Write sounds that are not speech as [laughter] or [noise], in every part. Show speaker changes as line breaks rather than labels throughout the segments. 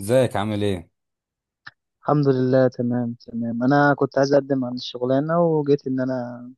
ازيك عامل ايه؟
الحمد لله، تمام تمام. انا كنت عايز اقدم عن الشغلانه وجيت ان انا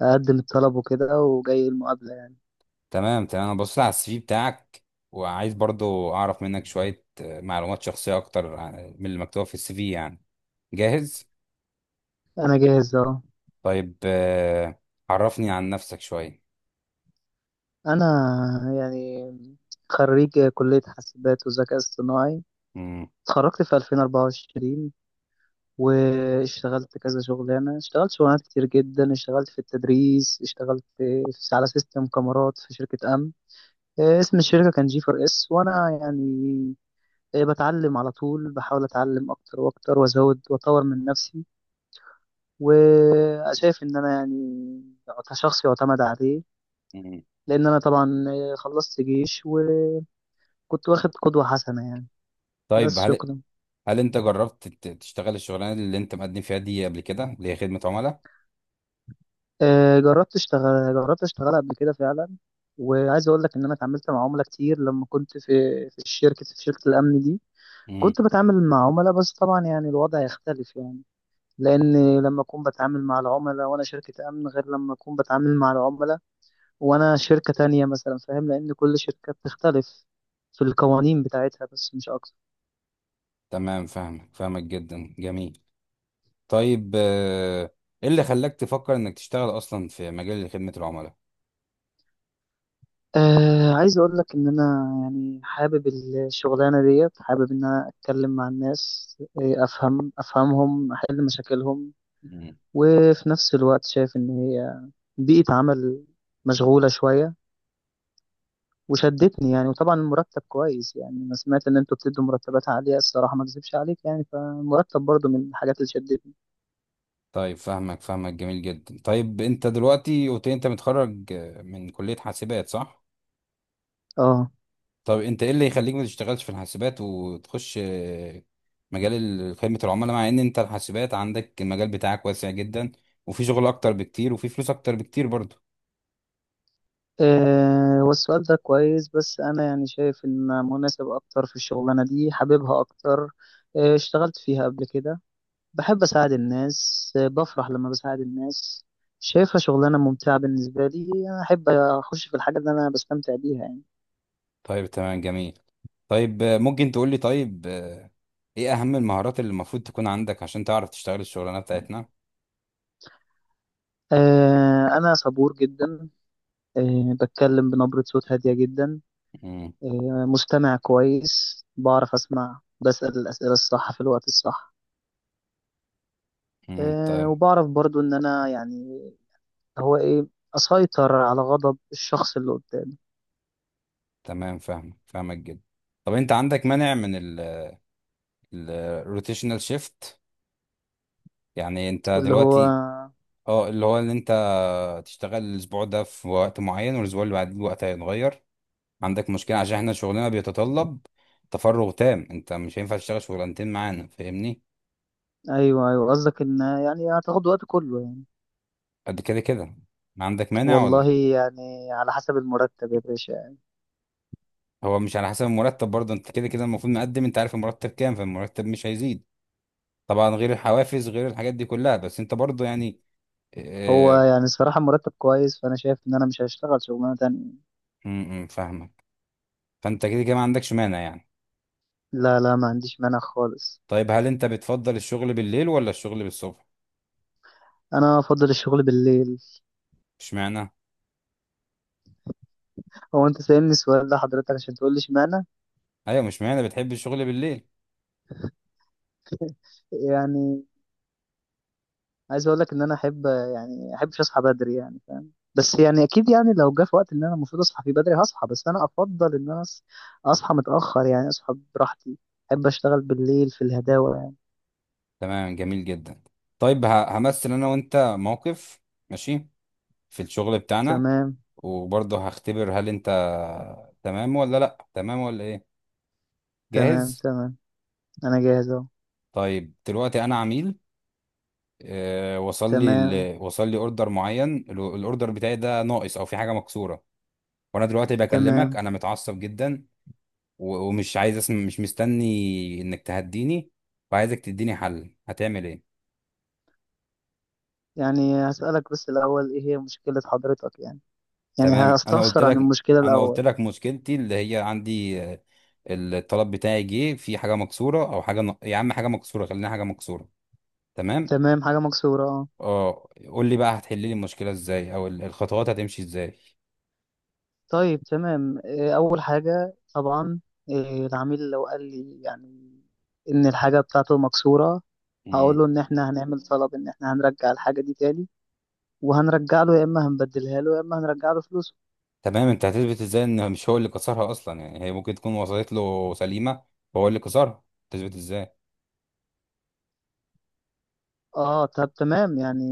اقدم الطلب وكده وجاي المقابله يعني.
تمام تمام، انا بصيت على السي في بتاعك. وعايز برضو اعرف منك شوية معلومات شخصية اكتر من اللي مكتوبة في السي في يعني. جاهز؟
انا جاهز اهو.
طيب، عرفني عن نفسك شوية.
انا يعني خريج كليه حاسبات وذكاء اصطناعي.
مم.
اتخرجت في 2024 واشتغلت كذا شغلانه، اشتغلت شغلانات كتير جدا. اشتغلت في التدريس، اشتغلت على سيستم كاميرات في شركه امن. اسم الشركه كان جي فور اس، وانا يعني بتعلم على طول، بحاول اتعلم اكتر واكتر وازود واطور من نفسي، وشايف ان انا يعني كشخص يعتمد عليه.
مم.
لان انا طبعا خلصت جيش وكنت واخد قدوة حسنة يعني.
طيب،
بس
هل
شكرا.
هل انت جربت تشتغل الشغلانة اللي انت مقدم فيها دي قبل كده، اللي هي خدمة عملاء؟
جربت اشتغل، قبل كده فعلا، وعايز اقول لك ان انا اتعاملت مع عملاء كتير لما كنت في في الشركة في شركة الامن دي.
مم.
كنت بتعامل مع عملاء، بس طبعا يعني الوضع يختلف يعني. لان لما اكون بتعامل مع العملاء وانا شركة امن، غير لما اكون بتعامل مع العملاء وانا شركة تانية مثلا، فاهم؟ لان كل شركة بتختلف في القوانين بتاعتها، بس مش اكتر.
تمام، فاهمك فاهمك جدا، جميل. طيب، ايه اللي خلاك تفكر انك تشتغل اصلا في مجال خدمة العملاء؟
آه، عايز اقول لك ان انا يعني حابب الشغلانة ديت. حابب ان انا اتكلم مع الناس، افهم افهمهم، احل مشاكلهم. وفي نفس الوقت شايف ان هي بيئة عمل مشغولة شوية وشدتني يعني. وطبعا المرتب كويس، يعني انا سمعت ان انتوا بتدوا مرتبات عالية، الصراحة ما اكذبش عليك يعني، فالمرتب برضو من الحاجات اللي شدتني.
طيب، فاهمك فاهمك، جميل جدا. طيب، انت دلوقتي قلت لي انت متخرج من كلية حاسبات، صح؟
اه.
طب انت ايه اللي يخليك ما تشتغلش في الحاسبات وتخش مجال خدمة العملاء، مع ان انت الحاسبات عندك المجال بتاعك واسع جدا، وفي شغل اكتر بكتير وفي فلوس اكتر بكتير برضه؟
والسؤال ده كويس، بس أنا يعني شايف إن مناسب أكتر في الشغلانة دي، حاببها أكتر. اشتغلت فيها قبل كده. بحب أساعد الناس، بفرح لما بساعد الناس. شايفها شغلانة ممتعة بالنسبة لي. أنا أحب أخش في الحاجة اللي أنا بستمتع بيها يعني.
طيب، تمام، جميل. طيب، ممكن تقول لي طيب، ايه اهم المهارات اللي المفروض تكون عندك عشان تعرف تشتغل الشغلانة بتاعتنا؟
أنا صبور جدا. بتكلم بنبرة صوت هادية جدا.
امم.
مستمع كويس، بعرف أسمع، بسأل الأسئلة الصح في الوقت الصح.
طيب،
وبعرف برضو ان انا يعني هو ايه، اسيطر على غضب الشخص اللي قدامي.
تمام، فاهمك فاهمك جدا. طب انت عندك مانع من الروتيشنال شيفت؟ يعني انت
واللي هو
دلوقتي، اه، اللي هو ان انت تشتغل الاسبوع ده في وقت معين والاسبوع اللي بعديه وقت هيتغير. عندك مشكلة؟ عشان احنا شغلنا بيتطلب تفرغ تام، انت مش هينفع تشتغل شغلانتين معانا، فاهمني؟
ايوه ايوه، قصدك ان يعني هتاخد وقت كله يعني.
قد كده كده، ما عندك مانع ولا؟
والله يعني على حسب المرتب يا باشا يعني.
هو مش على حسب المرتب برضه، انت كده كده المفروض مقدم، انت عارف المرتب كام، فالمرتب مش هيزيد طبعا، غير الحوافز غير الحاجات دي كلها، بس انت برضه يعني
هو
اه،
يعني الصراحة مرتب كويس، فأنا شايف إن أنا مش هشتغل شغلانة تانية.
م- م، فاهمك. فانت كده كده ما عندكش مانع يعني؟
لا لا، ما عنديش مانع خالص.
طيب، هل انت بتفضل الشغل بالليل ولا الشغل بالصبح؟
أنا أفضل الشغل بالليل.
اشمعنى؟
هو أنت سألني السؤال ده حضرتك عشان تقول لي اشمعنى؟
ايوه، مش معنى بتحب الشغل بالليل؟
يعني عايز اقول لك ان انا احب يعني احبش اصحى بدري يعني، فاهم؟ بس يعني اكيد يعني لو جه في وقت ان انا المفروض اصحى فيه بدري، هصحى. بس انا افضل ان انا اصحى متاخر يعني، اصحى براحتي. احب اشتغل بالليل في الهداوه يعني.
تمام، جميل جدا. طيب، همثل انا وانت موقف، ماشي، في الشغل بتاعنا،
تمام.
وبرضه هختبر هل انت تمام ولا لا، تمام ولا ايه.
تمام
جاهز؟
تمام، انا جاهز اهو.
طيب، دلوقتي انا عميل. اه، وصل لي
تمام
وصل لي اوردر معين، الاوردر بتاعي ده ناقص او في حاجه مكسوره. وانا دلوقتي بكلمك،
تمام.
انا متعصب جدا ومش عايز اسم، مش مستني انك تهديني، وعايزك تديني حل، هتعمل ايه؟
يعني هسالك بس الاول ايه هي مشكله حضرتك يعني، يعني
تمام، انا قلت
هستفسر عن
لك.
المشكله
انا قلت
الاول.
لك مشكلتي، اللي هي عندي الطلب بتاعي جه في حاجه مكسوره، او يا عم حاجه مكسوره، خلينا حاجه مكسوره. تمام.
تمام، حاجه مكسوره، اه.
اه، قول لي بقى، هتحل لي المشكله ازاي، او الخطوات هتمشي ازاي؟
طيب تمام. أول حاجة طبعا، العميل لو قال لي يعني إن الحاجة بتاعته مكسورة، هقول
مم.
له إن إحنا هنعمل طلب إن إحنا هنرجع الحاجة دي تاني، وهنرجع له، يا إما هنبدلها له يا إما هنرجع له فلوسه.
تمام، انت هتثبت ازاي ان مش هو اللي كسرها اصلا؟ يعني هي ممكن تكون وصلت له سليمه وهو اللي كسرها. تثبت ازاي؟
آه، طب تمام يعني.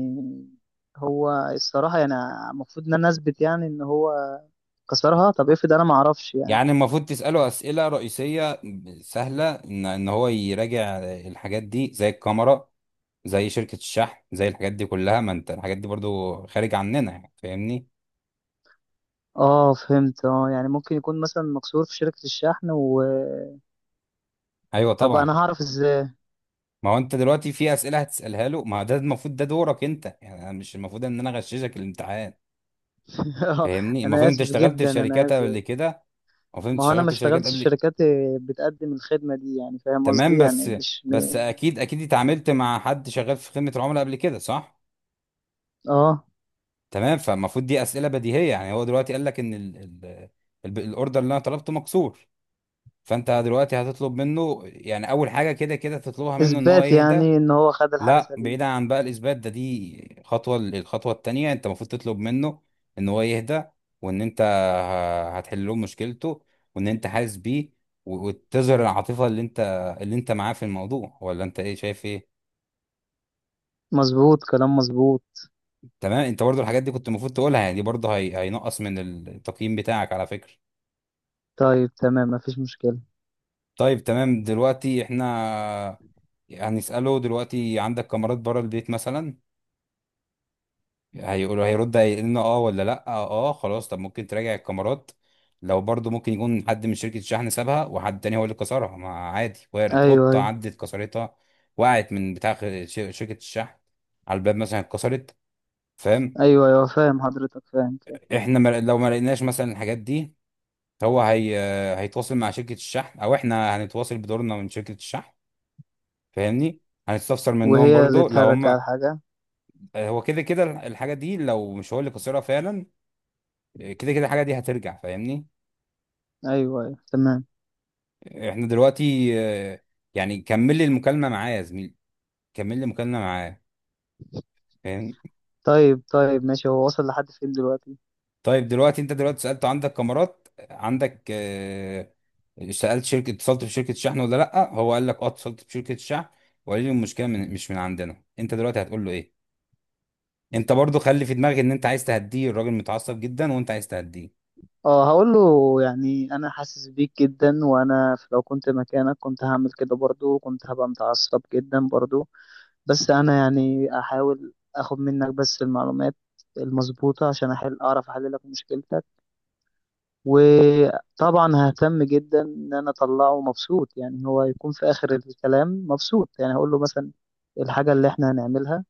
هو الصراحة يعني المفروض إن أنا أثبت يعني إن هو كسرها. طب افرض أنا معرفش يعني.
يعني المفروض تسأله أسئلة رئيسية سهلة، إن هو يراجع الحاجات دي زي الكاميرا، زي شركة الشحن، زي الحاجات دي كلها، ما أنت الحاجات دي برضو خارج عننا يعني، فاهمني؟
آه فهمت. آه، يعني ممكن يكون مثلا مكسور في شركة الشحن. و
أيوه،
طب
طبعا.
أنا هعرف إزاي؟
ما هو أنت دلوقتي في أسئلة هتسألها له، ما ده المفروض ده دورك أنت، يعني أنا مش المفروض إن أنا أغششك الامتحان،
[laughs]
فاهمني؟
أنا
المفروض أنت
آسف
اشتغلت في
جدا، أنا
شركات قبل
آسف.
كده. المفروض أنت
ما هو انا
اشتغلت
ما
في شركات
اشتغلتش في
قبل.
شركات بتقدم الخدمه دي يعني، فاهم
تمام،
قصدي
بس.
يعني؟ مش
بس
م-
أكيد أكيد اتعاملت مع حد شغال في خدمة العملاء قبل كده، صح؟
اه،
تمام، فالمفروض دي اسئله بديهيه. يعني هو دلوقتي قال لك ان الاوردر اللي انا طلبته مكسور. فانت دلوقتي هتطلب منه، يعني اول حاجه كده كده تطلبها منه ان هو
اثبات
يهدى.
يعني ان هو خد الحاجه
لا،
سليمه.
بعيدا عن بقى الاثبات ده، دي خطوه، الخطوه التانيه انت المفروض تطلب منه ان هو يهدى، وان انت هتحل له مشكلته، وان انت حاسس بيه، وتظهر العاطفه اللي انت معاه في الموضوع، ولا انت ايه شايف ايه؟
مظبوط، كلام مظبوط.
تمام، انت برضو الحاجات دي كنت المفروض تقولها، يعني دي برضو هينقص من التقييم بتاعك على فكره.
طيب تمام، مفيش مشكله.
طيب، تمام، دلوقتي احنا هنسأله، دلوقتي عندك كاميرات بره البيت مثلا؟ هيقول، هيرد، هيقول لنا اه ولا لا. اه، خلاص. طب ممكن تراجع الكاميرات؟ لو برضو ممكن يكون حد من شركة الشحن سابها وحد تاني هو اللي كسرها، ما عادي، وارد
ايوه
قطة
ايوه.
عدت كسرتها، وقعت من بتاع شركة الشحن، على الباب مثلا اتكسرت، فاهم؟
ايوه ايوه فاهم حضرتك، فاهم فاهم.
احنا لو ما لقيناش مثلا الحاجات دي، هو هي هيتواصل مع شركة الشحن، او احنا هنتواصل بدورنا من شركة الشحن، فاهمني؟ هنستفسر منهم
وهي اللي
برضو لو
ترجع
هم.
الحاجه.
هو كده كده الحاجه دي لو مش هو اللي خسرها فعلا، كده كده الحاجه دي هترجع، فاهمني؟
ايوه ايوه، تمام.
احنا دلوقتي يعني كمل لي المكالمه معاه يا زميلي، كمل لي المكالمه معاه، فاهم؟
طيب طيب ماشي، هو وصل لحد فين دلوقتي؟
طيب، دلوقتي انت دلوقتي سالت عندك كاميرات، عندك سالت شركه، اتصلت بشركه شحن ولا لا. هو قال لك اه، اتصلت بشركه شحن وقال لي المشكله من مش من عندنا. انت دلوقتي هتقول له ايه؟ انت برضو خلي في دماغك ان انت عايز تهديه، الراجل متعصب جدا وانت عايز تهديه.
اه، هقول له يعني انا حاسس بيك جدا، وانا لو كنت مكانك كنت هعمل كده برضو، كنت هبقى متعصب جدا برضو. بس انا يعني احاول اخد منك بس المعلومات المظبوطة عشان احل، اعرف احل لك مشكلتك. وطبعا ههتم جدا ان انا اطلعه مبسوط، يعني هو يكون في اخر الكلام مبسوط. يعني هقول له مثلا الحاجة اللي احنا هنعملها،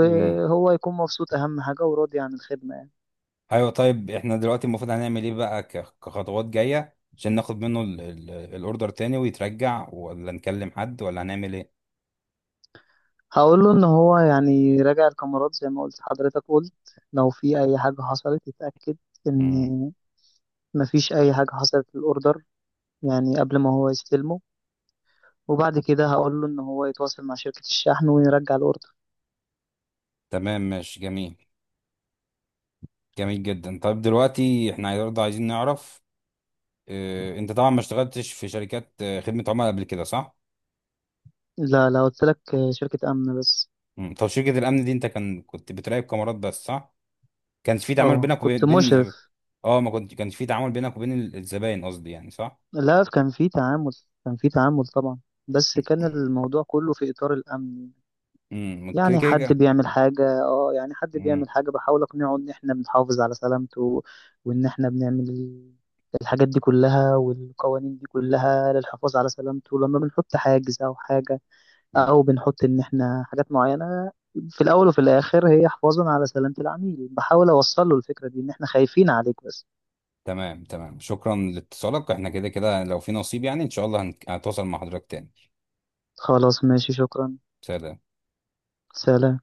مم.
يكون مبسوط، اهم حاجة وراضي عن الخدمة يعني.
ايوه، طيب، احنا دلوقتي المفروض هنعمل ايه بقى كخطوات جايه، عشان ناخد منه الاوردر تاني ويترجع، ولا نكلم حد، ولا هنعمل ايه؟
هقول له ان هو يعني راجع الكاميرات زي ما قلت حضرتك، قلت لو في اي حاجة حصلت يتأكد ان
امم.
مفيش اي حاجة حصلت في الاوردر، يعني قبل ما هو يستلمه. وبعد كده هقول له ان هو يتواصل مع شركة الشحن ويرجع الاوردر.
تمام، ماشي، جميل. جميل جدا. طيب، دلوقتي احنا برضه عايزين نعرف، اه، انت طبعا ما اشتغلتش في شركات خدمه عملاء قبل كده، صح؟
لا لا، قلت لك شركة امن بس.
مم. طب شركه الامن دي، انت كنت بتراقب كاميرات بس، صح؟ كانش في تعامل
اه
بينك
كنت
وبين
مشرف.
بين اه، ما كنت كانش في تعامل بينك وبين الزباين، قصدي يعني، صح؟
لا، كان في تعامل، كان في تعامل طبعا، بس كان الموضوع كله في اطار الامن.
امم، كده
يعني حد
كده.
بيعمل حاجة، اه يعني حد بيعمل حاجة بحاول اقنعه ان احنا بنحافظ على سلامته، وان احنا بنعمل الحاجات دي كلها، والقوانين دي كلها للحفاظ على سلامته، لما بنحط حاجز او حاجة،
امم،
او بنحط ان احنا حاجات معينه. في الاول وفي الاخر هي حفاظا على سلامه العميل. بحاول اوصل له الفكره دي ان احنا خايفين عليك بس.
تمام تمام، شكرا لاتصالك، احنا كده كده لو في نصيب يعني ان شاء الله هتواصل مع حضرتك تاني.
خلاص ماشي، شكرا.
سلام.
سلام.